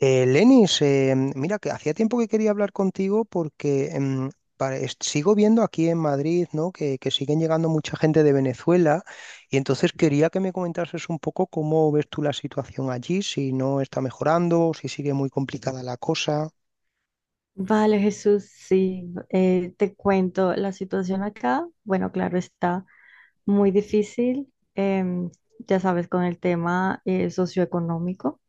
Lenis, mira que hacía tiempo que quería hablar contigo porque sigo viendo aquí en Madrid, ¿no? que siguen llegando mucha gente de Venezuela y entonces quería que me comentases un poco cómo ves tú la situación allí, si no está mejorando, si sigue muy complicada la cosa. Vale, Jesús, sí, te cuento la situación acá. Bueno, claro, está muy difícil, ya sabes, con el tema socioeconómico.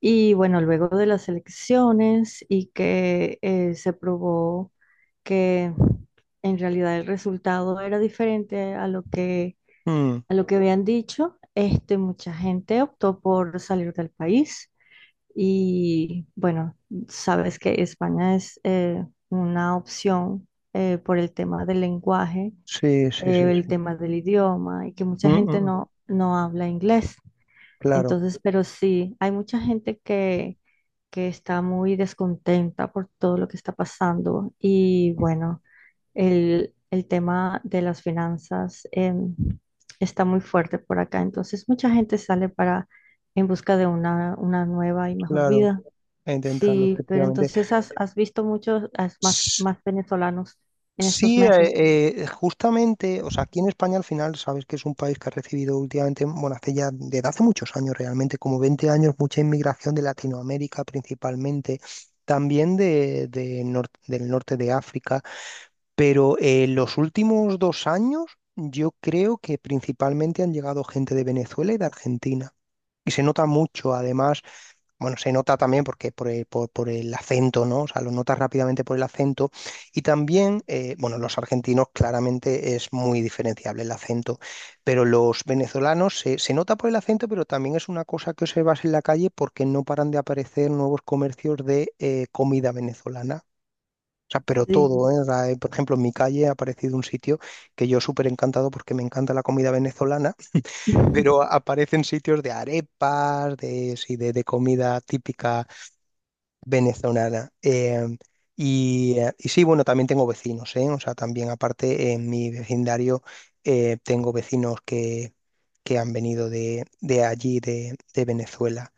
Y bueno, luego de las elecciones y que se probó que en realidad el resultado era diferente a lo que, Mm, habían dicho, mucha gente optó por salir del país. Y bueno, sabes que España es una opción por el tema del lenguaje, sí, sí, sí, el sí. tema del idioma y que Mm, mucha mm, gente mm. no habla inglés. Claro, Entonces, pero sí, hay mucha gente que está muy descontenta por todo lo que está pasando. Y bueno, el tema de las finanzas está muy fuerte por acá. Entonces, mucha gente sale para en busca de una nueva y mejor claro, vida. a intentarlo, Sí, pero efectivamente. entonces has visto muchos has más venezolanos en estos Sí, meses. Justamente, o sea, aquí en España al final sabes que es un país que ha recibido últimamente, bueno, hace ya desde hace muchos años realmente, como 20 años, mucha inmigración de Latinoamérica principalmente, también de del norte de África, pero los últimos 2 años yo creo que principalmente han llegado gente de Venezuela y de Argentina. Y se nota mucho, además, bueno, se nota también porque por el acento, ¿no? O sea, lo notas rápidamente por el acento. Y también, bueno, los argentinos claramente es muy diferenciable el acento, pero los venezolanos se nota por el acento, pero también es una cosa que observas en la calle porque no paran de aparecer nuevos comercios de comida venezolana. O sea, pero Sí. todo, ¿eh? O sea, por ejemplo, en mi calle ha aparecido un sitio que yo súper encantado porque me encanta la comida venezolana, pero aparecen sitios de arepas, de, sí, de comida típica venezolana. Y sí, bueno, también tengo vecinos, ¿eh? O sea, también aparte en mi vecindario tengo vecinos que han venido de allí, de Venezuela.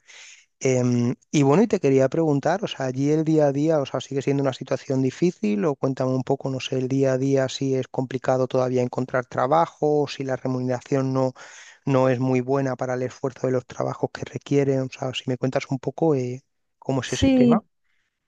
Y bueno, y te quería preguntar, o sea, allí el día a día, o sea, ¿sigue siendo una situación difícil? O cuéntame un poco, no sé, el día a día si es complicado todavía encontrar trabajo, o si la remuneración no, no es muy buena para el esfuerzo de los trabajos que requieren, o sea, si me cuentas un poco cómo es ese tema. Sí,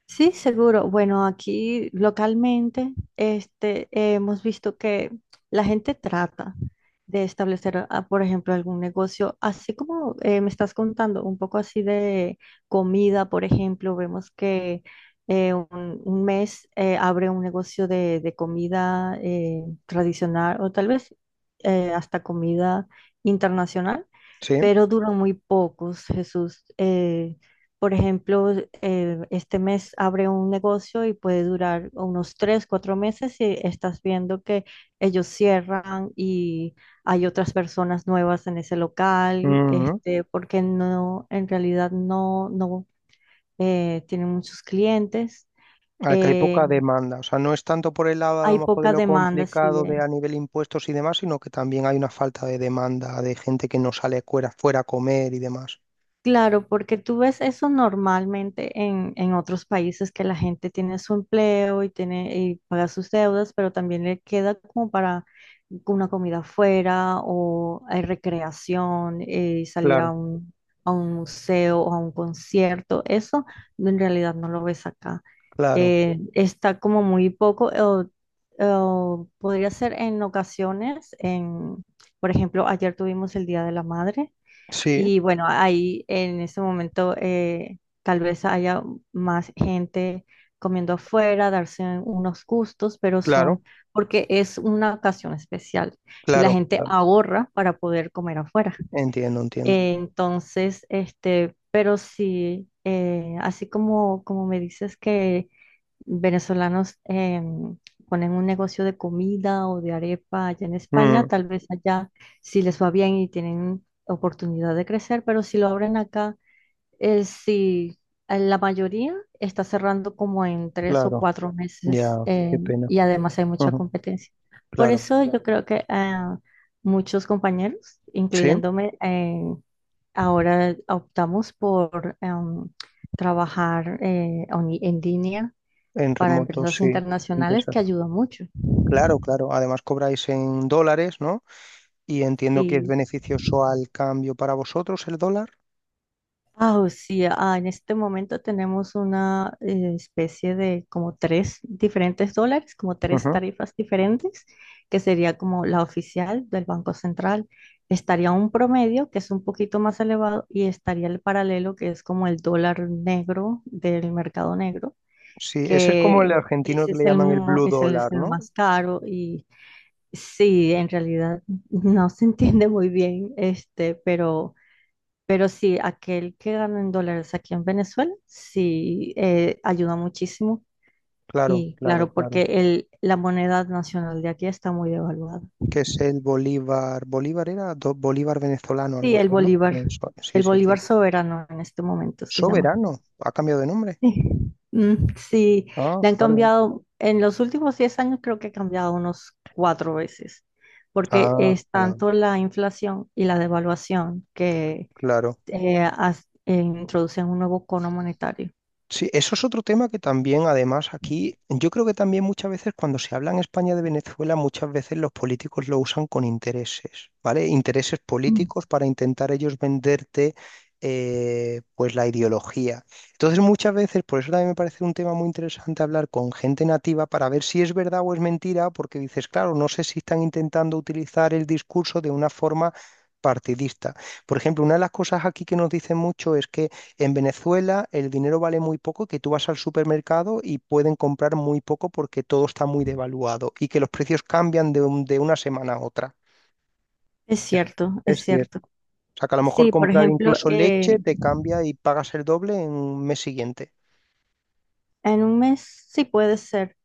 sí, seguro. Bueno, aquí localmente hemos visto que la gente trata de establecer, por ejemplo, algún negocio, así como me estás contando, un poco así de comida, por ejemplo, vemos que un mes abre un negocio de comida tradicional o tal vez hasta comida internacional, Sí. pero duran muy pocos, Jesús. Por ejemplo, este mes abre un negocio y puede durar unos 3, 4 meses y estás viendo que ellos cierran y hay otras personas nuevas en ese local, Ujú. Porque no, en realidad no tienen muchos clientes. Acá hay Eh, poca demanda. O sea, no es tanto por el lado a lo hay mejor de poca lo demanda, sí. complicado de de, a nivel impuestos y demás, sino que también hay una falta de demanda de gente que no sale fuera, fuera a comer y demás. Claro, porque tú ves eso normalmente en otros países que la gente tiene su empleo y tiene y paga sus deudas, pero también le queda como para una comida afuera o recreación, salir Claro, a un museo o a un concierto. Eso en realidad no lo ves acá. claro. Está como muy poco, o podría ser en ocasiones, por ejemplo, ayer tuvimos el Día de la Madre Sí, y bueno, ahí en ese momento tal vez haya más gente comiendo afuera, darse unos gustos, pero claro, son porque es una ocasión especial, y la claro. gente Claro. ahorra para poder comer afuera. Entiendo, entiendo. Entonces, pero sí, así como, como me dices que venezolanos ponen un negocio de comida o de arepa allá en España, Mm, tal vez allá si les va bien y tienen oportunidad de crecer, pero si lo abren acá, sí, la mayoría está cerrando como en tres o claro. cuatro Ya, meses qué pena. y además hay mucha Ujú. competencia. Por Claro. eso yo creo que muchos compañeros, Sí, incluyéndome, ahora optamos por trabajar en línea en para remoto, empresas sí. internacionales, Empresas. que ayuda mucho. Claro, claro. Además cobráis en dólares, ¿no? Y entiendo que es Sí. beneficioso al cambio para vosotros el dólar. O sí, en este momento tenemos una especie de como tres diferentes dólares, como tres tarifas diferentes, que sería como la oficial del Banco Central. Estaría un promedio que es un poquito más elevado, y estaría el paralelo que es como el dólar negro del mercado negro, Sí, ese es como el que argentino ese que le es el, llaman el mo- blue es dólar, el ¿no? más caro. Y sí, en realidad no se entiende muy bien, pero sí, aquel que gana en dólares aquí en Venezuela, sí, ayuda muchísimo. Claro, Y claro, claro, porque claro. la moneda nacional de aquí está muy devaluada. Que es el bolívar. Bolívar era bolívar venezolano, algo Sí, el así, ¿no? bolívar, Eso, sí, el sí, bolívar sí. soberano en este momento se llama. Soberano. Ha cambiado de nombre. Sí. Mm, sí, Ah, le han vale, vale. cambiado, en los últimos 10 años creo que ha cambiado unos cuatro veces, porque Ah, es vale, vale. tanto la inflación y la devaluación que Claro. Introducen un nuevo cono monetario. Sí, eso es otro tema que también, además, aquí, yo creo que también muchas veces cuando se habla en España de Venezuela, muchas veces los políticos lo usan con intereses, ¿vale? Intereses Mm. políticos para intentar ellos venderte, pues, la ideología. Entonces, muchas veces, por eso también me parece un tema muy interesante hablar con gente nativa para ver si es verdad o es mentira, porque dices, claro, no sé si están intentando utilizar el discurso de una forma partidista. Por ejemplo, una de las cosas aquí que nos dicen mucho es que en Venezuela el dinero vale muy poco, que tú vas al supermercado y pueden comprar muy poco porque todo está muy devaluado y que los precios cambian de una semana a otra. Es Es, cierto, es es cierto. cierto. O sea, que a lo mejor Sí, por comprar ejemplo, incluso leche te cambia y pagas el doble en un mes siguiente. en un mes sí puede ser.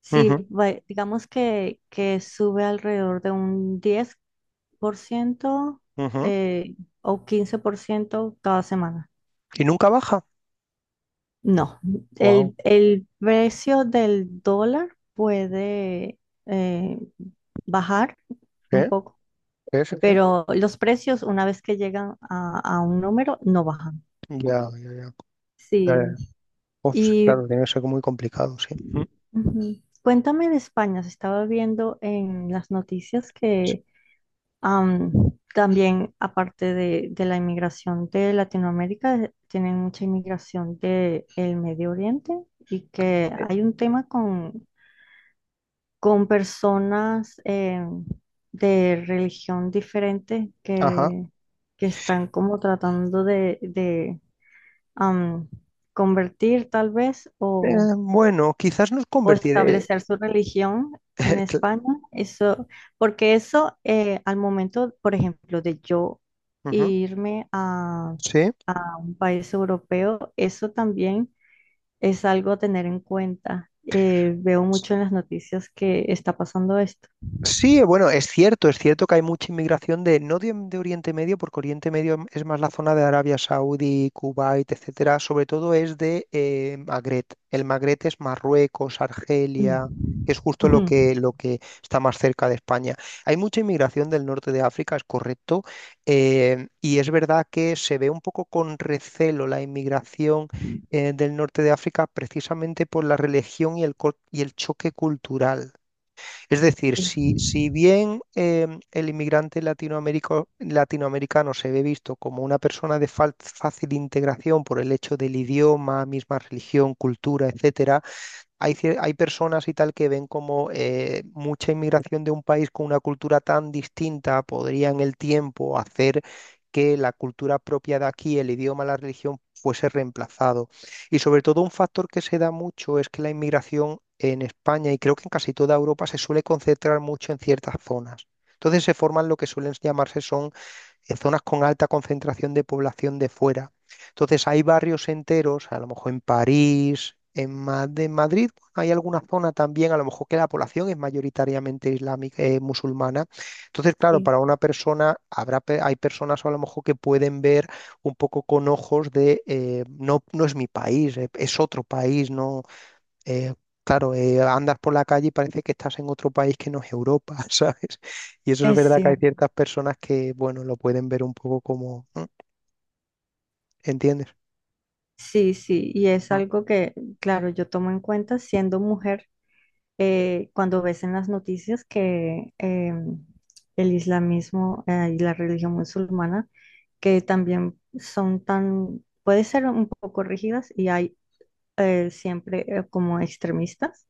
Sí, Ujú, digamos que sube alrededor de un 10% ujú. eh, o 15% cada semana. Y nunca baja. No, Wow. el precio del dólar puede eh, bajar un ¿Eh? poco, ¿Eh? ¿Eh? ¿Eh? pero los precios una vez que llegan a un número no bajan. Ya, ya, ya. Ya, Sí. ya. Pues, Y claro, tiene que ser muy complicado, sí. Mm. ujú, cuéntame de España. Se estaba viendo en las noticias Sí. que, am, también, aparte de la inmigración de Latinoamérica, tienen mucha inmigración del Medio Oriente, y que Eh. hay un tema con personas de religión diferente, Ajá. que están como tratando de am, convertir tal vez, o, Bueno, quizás nos o convertiré. establecer su religión en Cla- España. Eso, porque eso al momento, por ejemplo, de yo Ujú. irme Sí. a un país europeo, eso también es algo a tener en cuenta. Veo mucho en las noticias que está pasando esto. Sí, bueno, es cierto que hay mucha inmigración de, no de, de Oriente Medio, porque Oriente Medio es más la zona de Arabia Saudí, Kuwait, etcétera, sobre todo es de Magreb. El Magreb es Marruecos, Argelia, Mm. que es justo Ujú. Lo que está más cerca de España. Hay mucha inmigración del norte de África, es correcto, y es verdad que se ve un poco con recelo la inmigración del norte de África precisamente por la religión y y el choque cultural. Es decir, Sí. Si bien el latinoamericano se ve visto como una persona de fácil integración por el hecho del idioma, misma religión, cultura, etcétera, hay personas y tal que ven como mucha inmigración de un país con una cultura tan distinta podría en el tiempo hacer que la cultura propia de aquí, el idioma, la religión, fuese reemplazado. Y sobre todo un factor que se da mucho es que la inmigración en España y creo que en casi toda Europa se suele concentrar mucho en ciertas zonas. Entonces se forman lo que suelen llamarse son en zonas con alta concentración de población de fuera. Entonces hay barrios enteros, a lo mejor en París, de Madrid, bueno, hay alguna zona también, a lo mejor que la población es mayoritariamente islámica, musulmana. Entonces, claro, Sí, para una persona, hay personas a lo mejor que pueden ver un poco con ojos de, no, no es mi país, es otro país, no, eh, claro, andas por la calle y parece que estás en otro país que no es Europa, ¿sabes? Y eso es es verdad que hay cierto. ciertas personas que, bueno, lo pueden ver un poco como, ¿eh? ¿Entiendes? Sí, sí, y es Mm. algo que, claro, yo tomo en cuenta siendo mujer cuando ves en las noticias que el islamismo y la religión musulmana, que también son tan, puede ser un poco rígidas, y hay siempre como extremistas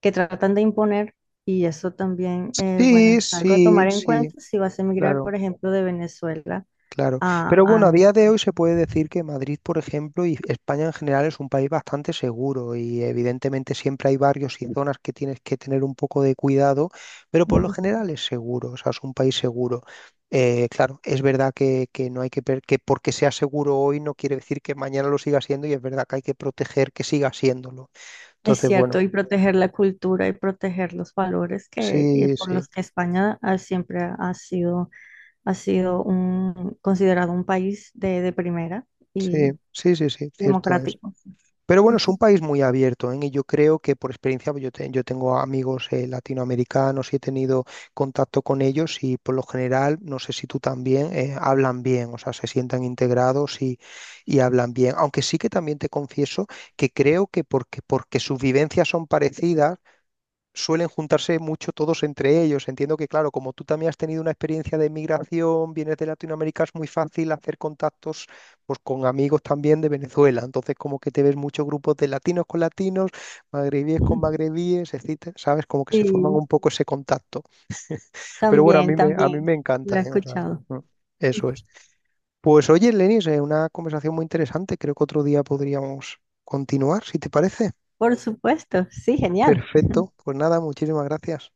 que tratan de imponer, y eso también, bueno, Sí, es algo a sí, tomar en cuenta sí, si vas a emigrar, claro. por ejemplo, de Venezuela Claro, pero bueno, a a día de España. hoy se puede decir que Madrid, por ejemplo, y España en general es un país bastante seguro y evidentemente siempre hay barrios y zonas que tienes que tener un poco de cuidado, pero por lo Ujú. general es seguro, o sea, es un país seguro. Claro, es verdad que no hay que porque sea seguro hoy no quiere decir que mañana lo siga siendo y es verdad que hay que proteger que siga siéndolo. Es Entonces, cierto, bueno, y proteger la cultura y proteger los valores que, sí, por sí, los que España siempre ha sido un, considerado un país de primera sí, y, sí, sí, sí, y cierto es. democrático. Pero bueno, es Ujú. un país muy abierto, ¿eh? Y yo creo que por experiencia, yo tengo amigos latinoamericanos y he tenido contacto con ellos y por lo general, no sé si tú también, hablan bien, o sea, se sientan integrados y hablan bien. Aunque sí que también te confieso que creo porque sus vivencias son parecidas, suelen juntarse mucho todos entre ellos. Entiendo que, claro, como tú también has tenido una experiencia de migración, vienes de Latinoamérica, es muy fácil hacer contactos pues, con amigos también de Venezuela. Entonces, como que te ves muchos grupos de latinos con latinos, magrebíes con magrebíes, etcétera, ¿sabes? Como que se forman Sí, un poco ese contacto. Pero bueno, también, a mí también, me lo encanta, he ¿eh? O sea, escuchado. mm, eso es. Pues oye, Lenis, una conversación muy interesante. Creo que otro día podríamos continuar, si te parece. Por supuesto, sí, genial. Perfecto. Pues nada, muchísimas gracias.